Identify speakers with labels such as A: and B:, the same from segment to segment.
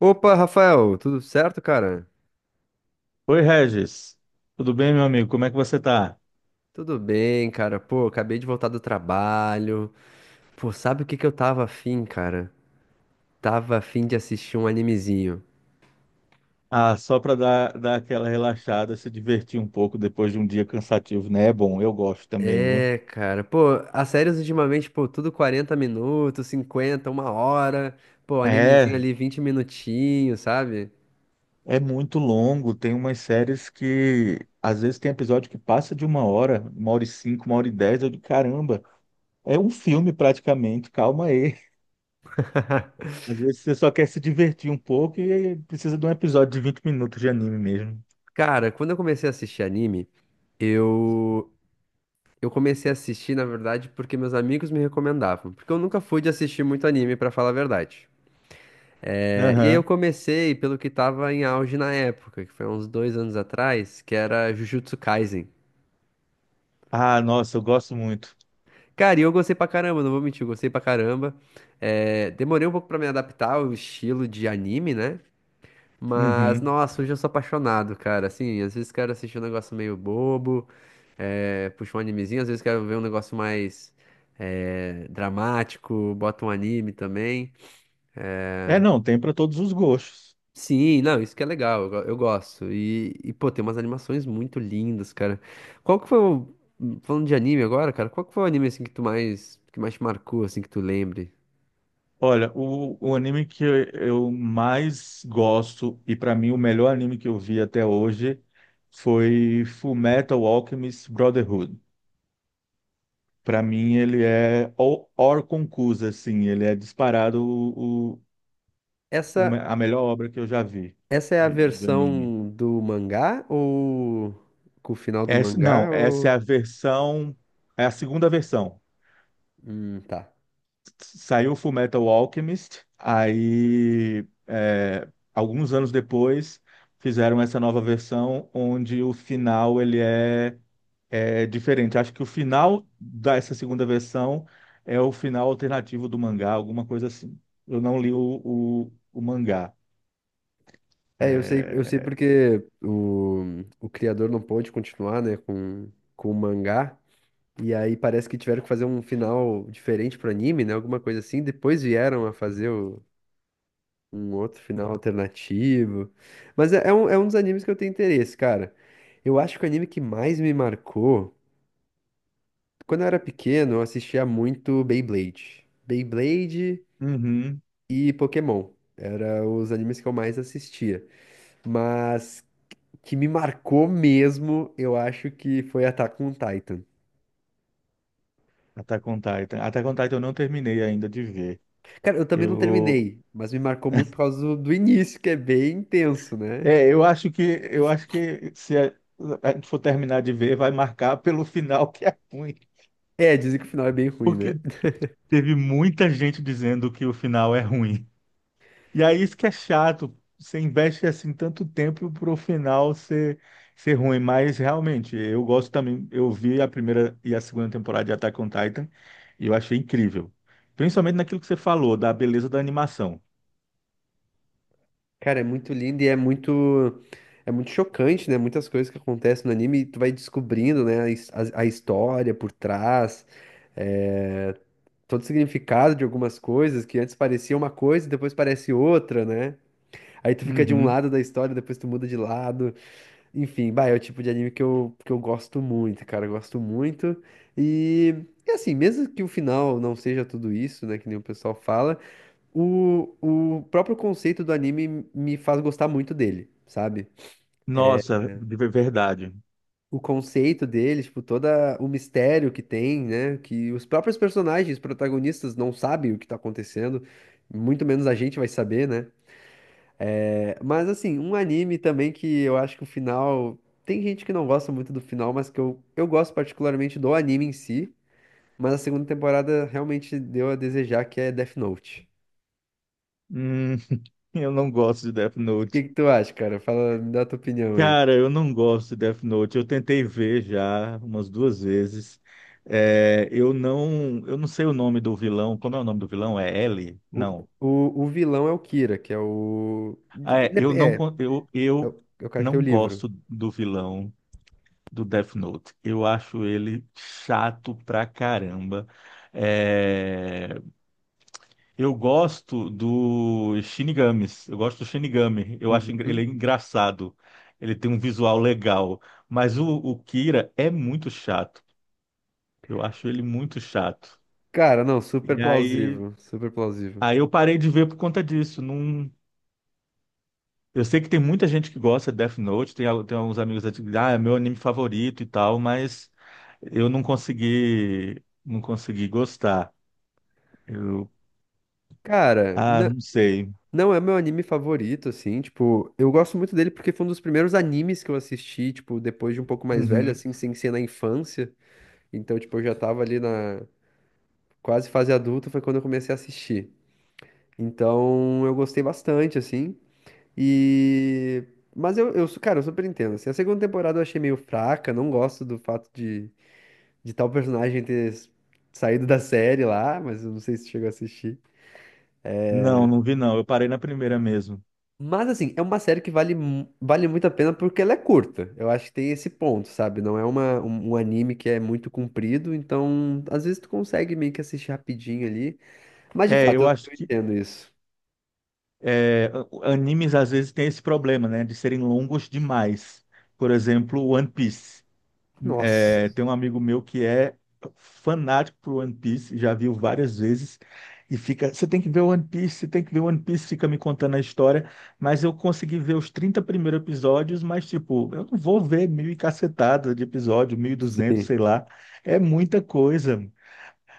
A: Opa, Rafael, tudo certo, cara?
B: Oi, Regis. Tudo bem, meu amigo? Como é que você tá?
A: Tudo bem, cara. Pô, acabei de voltar do trabalho. Pô, sabe o que que eu tava afim, cara? Tava afim de assistir um animezinho.
B: Ah, só para dar aquela relaxada, se divertir um pouco depois de um dia cansativo, né? É bom, eu gosto também, viu?
A: É, cara. Pô, as séries ultimamente, pô, tudo 40 minutos, 50, uma hora. Pô, animezinho
B: É,
A: ali 20 minutinhos, sabe?
B: é muito longo. Tem umas séries que às vezes tem episódio que passa de uma hora e cinco, uma hora e dez. Eu digo, caramba, é um filme praticamente. Calma aí. Às vezes você só quer se divertir um pouco e precisa de um episódio de 20 minutos de anime mesmo.
A: Cara, quando eu comecei a assistir anime, eu eu comecei a assistir, na verdade, porque meus amigos me recomendavam, porque eu nunca fui de assistir muito anime, pra falar a verdade. É, e aí eu
B: Aham.
A: comecei pelo que tava em auge na época, que foi uns dois anos atrás, que era Jujutsu Kaisen.
B: Ah, nossa, eu gosto muito.
A: Cara, e eu gostei pra caramba, não vou mentir, eu gostei pra caramba. É, demorei um pouco pra me adaptar ao estilo de anime, né? Mas,
B: Uhum.
A: nossa, hoje eu sou apaixonado, cara. Assim, às vezes quero assistir um negócio meio bobo, é, puxa um animezinho, às vezes quero ver um negócio mais dramático, bota um anime também.
B: É, não, tem para todos os gostos.
A: Sim, não, isso que é legal, eu, eu gosto. E, pô, tem umas animações muito lindas, cara. Qual que foi o. Falando de anime agora, cara, qual que foi o anime assim que tu mais, que mais te marcou, assim, que tu lembre?
B: Olha, o anime que eu mais gosto e para mim o melhor anime que eu vi até hoje foi Fullmetal Alchemist Brotherhood. Para mim ele é or or conclusa, assim, ele é disparado
A: Essa,
B: a melhor obra que eu já vi
A: essa é a
B: de anime.
A: versão do mangá ou com o final do
B: Essa, não,
A: mangá
B: essa
A: ou...
B: é a segunda versão.
A: Tá.
B: Saiu Fullmetal Alchemist, aí, alguns anos depois fizeram essa nova versão onde o final ele é diferente. Acho que o final dessa segunda versão é o final alternativo do mangá, alguma coisa assim. Eu não li o mangá.
A: É, eu sei porque o criador não pôde continuar, né, com o mangá. E aí parece que tiveram que fazer um final diferente pro anime, né? Alguma coisa assim. Depois vieram a fazer um outro final alternativo. Mas é, é um dos animes que eu tenho interesse, cara. Eu acho que o anime que mais me marcou, quando eu era pequeno, eu assistia muito Beyblade. Beyblade
B: Uhum.
A: e Pokémon. Eram os animes que eu mais assistia. Mas que me marcou mesmo, eu acho que foi Attack on Titan.
B: Attack on Titan. Attack on Titan eu não terminei ainda de ver.
A: Cara, eu também não
B: Eu,
A: terminei, mas me marcou muito por causa do início, que é bem intenso, né?
B: é, eu acho que eu acho que se a gente for terminar de ver, vai marcar pelo final que é ruim.
A: É, dizem que o final é bem ruim, né?
B: Porque teve muita gente dizendo que o final é ruim. E aí isso que é chato. Você investe assim tanto tempo pro final ser ruim. Mas realmente, eu gosto também. Eu vi a primeira e a segunda temporada de Attack on Titan e eu achei incrível. Principalmente naquilo que você falou, da beleza da animação.
A: Cara, é muito lindo e é muito chocante, né? Muitas coisas que acontecem no anime, e tu vai descobrindo, né, a história por trás, eh, todo o significado de algumas coisas que antes parecia uma coisa e depois parece outra, né? Aí tu fica de um
B: Uhum.
A: lado da história, depois tu muda de lado. Enfim, bah, é o tipo de anime que eu gosto muito, cara, eu gosto muito. E, e assim, mesmo que o final não seja tudo isso, né, que nem o pessoal fala. O, o próprio conceito do anime me faz gostar muito dele, sabe?
B: Nossa, de verdade.
A: O conceito dele, tipo, todo o mistério que tem, né? Que os próprios personagens, protagonistas, não sabem o que tá acontecendo, muito menos a gente vai saber, né? É, mas, assim, um anime também que eu acho que o final. Tem gente que não gosta muito do final, mas que eu gosto particularmente do anime em si. Mas a segunda temporada realmente deu a desejar, que é Death Note.
B: Hum, eu não gosto de Death
A: O que
B: Note.
A: que tu acha, cara? Fala, me dá a tua opinião aí.
B: Cara, eu não gosto de Death Note. Eu tentei ver já umas duas vezes. É, eu não sei o nome do vilão. Como é o nome do vilão? É L?
A: O,
B: Não.
A: o vilão é o Kira, que é o.
B: Ah,
A: Ele
B: eu,
A: É
B: eu
A: é o cara que tem
B: não
A: o livro.
B: gosto do vilão do Death Note. Eu acho ele chato pra caramba. É, eu gosto do Shinigamis. Eu gosto do Shinigami. Eu acho ele
A: Uhum.
B: é engraçado. Ele tem um visual legal. Mas o Kira é muito chato. Eu acho ele muito chato.
A: Cara, não, super
B: E aí,
A: plausível, super plausível.
B: aí eu parei de ver por conta disso. Não. Eu sei que tem muita gente que gosta de Death Note, tem alguns amigos que dizem, ah, é meu anime favorito e tal, mas eu não consegui gostar. Eu,
A: Cara,
B: não sei.
A: não é meu anime favorito, assim, tipo, eu gosto muito dele porque foi um dos primeiros animes que eu assisti, tipo, depois de um pouco mais velho,
B: Uhum.
A: assim, sem ser na infância. Então, tipo, eu já tava ali na quase fase adulta, foi quando eu comecei a assistir. Então, eu gostei bastante, assim. E. Mas eu, cara, eu super entendo. Assim, a segunda temporada eu achei meio fraca, não gosto do fato de tal personagem saído da série lá, mas eu não sei se tu chegou a assistir.
B: Não, não vi não. Eu parei na primeira mesmo.
A: Mas assim, é uma série que vale, vale muito a pena porque ela é curta. Eu acho que tem esse ponto, sabe? Não é um anime que é muito comprido, então às vezes tu consegue meio que assistir rapidinho ali. Mas de
B: É,
A: fato,
B: eu acho
A: eu
B: que
A: entendo isso.
B: é, animes às vezes têm esse problema, né, de serem longos demais. Por exemplo, One Piece.
A: Nossa.
B: É, tem um amigo meu que é fanático por One Piece, já viu várias vezes e fica, você tem que ver One Piece, você tem que ver One Piece, fica me contando a história, mas eu consegui ver os 30 primeiros episódios, mas tipo, eu não vou ver mil e cacetada de episódio, 1.200
A: Sim.
B: sei lá, é muita coisa.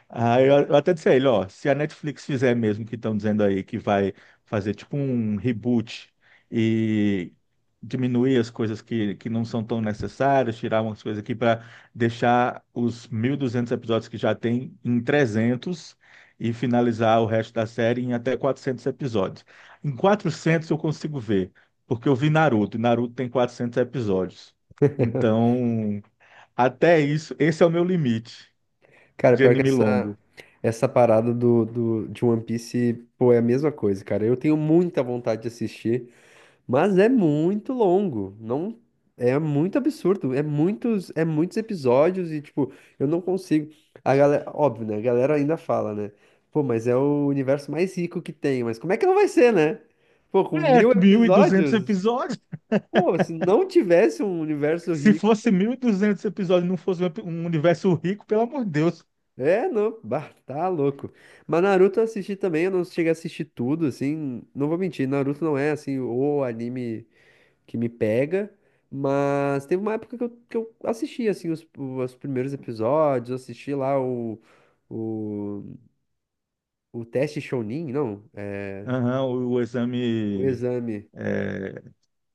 B: Ah, eu até disse a ele, ó, se a Netflix fizer mesmo que estão dizendo aí que vai fazer tipo um reboot e diminuir as coisas que não são tão necessárias, tirar umas coisas aqui para deixar os 1.200 episódios que já tem em 300 e finalizar o resto da série em até 400 episódios. Em 400 eu consigo ver, porque eu vi Naruto, e Naruto tem 400 episódios. Então, até isso, esse é o meu limite
A: Cara,
B: de
A: pior que
B: anime
A: essa,
B: longo.
A: essa parada de One Piece, pô, é a mesma coisa, cara. Eu tenho muita vontade de assistir, mas é muito longo. Não, é muito absurdo. É muitos episódios e, tipo, eu não consigo. A galera, óbvio, né? A galera ainda fala, né? Pô, mas é o universo mais rico que tem. Mas como é que não vai ser, né? Pô, com
B: É,
A: mil
B: 1.200
A: episódios?
B: episódios.
A: Pô, se não tivesse um universo
B: Se
A: rico.
B: fosse 1.200 episódios e não fosse um universo rico, pelo amor de Deus.
A: É, não, bah, tá louco. Mas Naruto eu assisti também, eu não cheguei a assistir tudo, assim, não vou mentir, Naruto não é, assim, o anime que me pega, mas teve uma época que eu assisti, assim, os primeiros episódios, eu assisti lá o, o teste Chunin, não, é,
B: Aham, o
A: o
B: exame
A: exame,
B: é,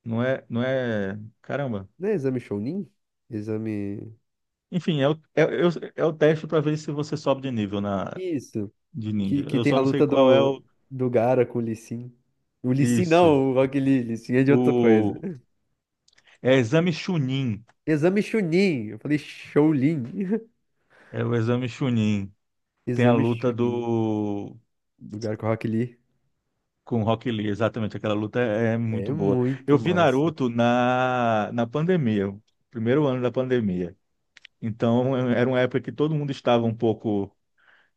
B: não é, não é. Caramba.
A: não é exame Chunin? Exame,
B: Enfim, é o teste para ver se você sobe de nível
A: isso,
B: de ninja.
A: que
B: Eu
A: tem
B: só
A: a
B: não sei
A: luta
B: qual é o.
A: do Gaara com o Lee Sin. O Lee Sin
B: Isso.
A: não, o Rock Lee, Lee Sin é de outra coisa.
B: O, é exame Chunin.
A: Exame Chunin. Eu falei Shaolin.
B: É o exame Chunin. Tem a
A: Exame
B: luta
A: Chunin.
B: do
A: Lugar com o Rock Lee.
B: Com Rock Lee, exatamente, aquela luta é
A: É
B: muito boa.
A: muito
B: Eu vi
A: massa.
B: Naruto na pandemia, o primeiro ano da pandemia. Então, era uma época que todo mundo estava um pouco,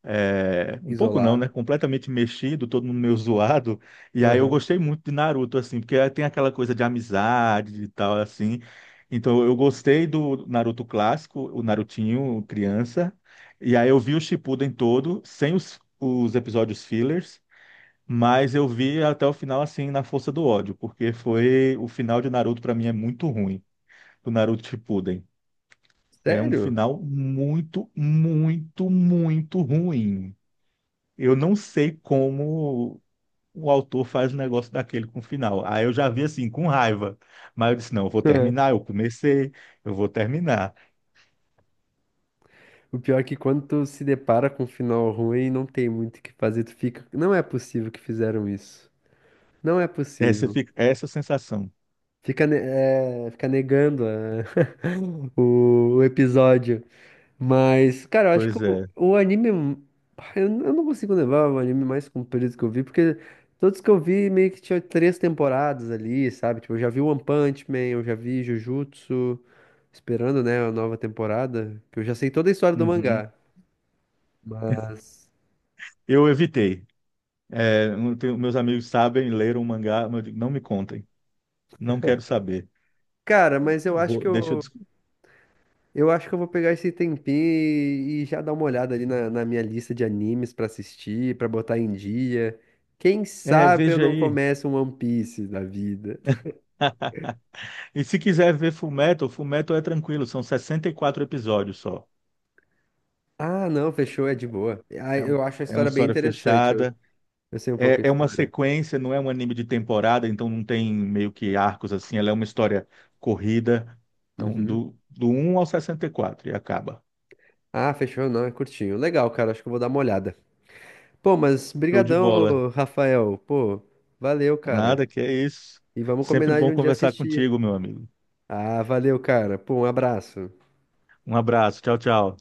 B: um pouco não, né?
A: Isolado.
B: Completamente mexido, todo mundo meio zoado. E aí eu
A: Aham.
B: gostei muito de Naruto, assim, porque tem aquela coisa de amizade e tal, assim. Então, eu gostei do Naruto clássico, o Narutinho criança. E aí eu vi o Shippuden todo, sem os episódios fillers. Mas eu vi até o final assim na força do ódio, porque foi o final de Naruto pra mim é muito ruim, do Naruto Shippuden. É um
A: Sério?
B: final muito, muito, muito ruim. Eu não sei como o autor faz um negócio daquele com o final. Aí eu já vi assim com raiva, mas eu disse não, eu vou terminar, eu comecei, eu vou terminar.
A: O pior é que quando tu se depara com um final ruim, não tem muito o que fazer. Tu fica. Não é possível que fizeram isso. Não é
B: Essa
A: possível.
B: fica essa sensação.
A: Fica, é, fica negando o episódio. Mas, cara, eu acho que
B: Pois é.
A: o anime. Eu, eu não consigo levar o anime mais comprido que eu vi, porque todos que eu vi meio que tinha três temporadas ali, sabe? Tipo, eu já vi One Punch Man, eu já vi Jujutsu, esperando, né, a nova temporada, que eu já sei toda a história do
B: Uhum.
A: mangá. Mas,
B: Eu evitei. É, não tenho- meus amigos sabem, leram o mangá, mas eu digo, não me contem, não quero saber.
A: cara, mas eu acho
B: Vou-
A: que
B: deixa eu.
A: eu. Eu acho que eu vou pegar esse tempinho e já dar uma olhada ali na minha lista de animes pra assistir, pra botar em dia. Quem
B: É,
A: sabe eu
B: veja
A: não
B: aí.
A: começo um One Piece da vida.
B: E se quiser ver Fullmetal, Fullmetal é tranquilo, são 64 episódios só.
A: Ah, não, fechou, é de boa. Ah,
B: É,
A: eu acho a
B: é uma
A: história bem
B: história
A: interessante.
B: fechada.
A: Eu sei um pouco a
B: É uma
A: história.
B: sequência, não é um anime de temporada, então não tem meio que arcos assim, ela é uma história corrida. Então,
A: Uhum.
B: do um ao 64 e acaba.
A: Ah, fechou, não, é curtinho. Legal, cara, acho que eu vou dar uma olhada. Pô, mas
B: Show de
A: brigadão,
B: bola.
A: ô, Rafael. Pô, valeu, cara.
B: Nada, que é isso.
A: E vamos
B: Sempre
A: combinar de
B: bom
A: um dia
B: conversar
A: assistir.
B: contigo, meu amigo.
A: Ah, valeu, cara. Pô, um abraço.
B: Um abraço, tchau, tchau.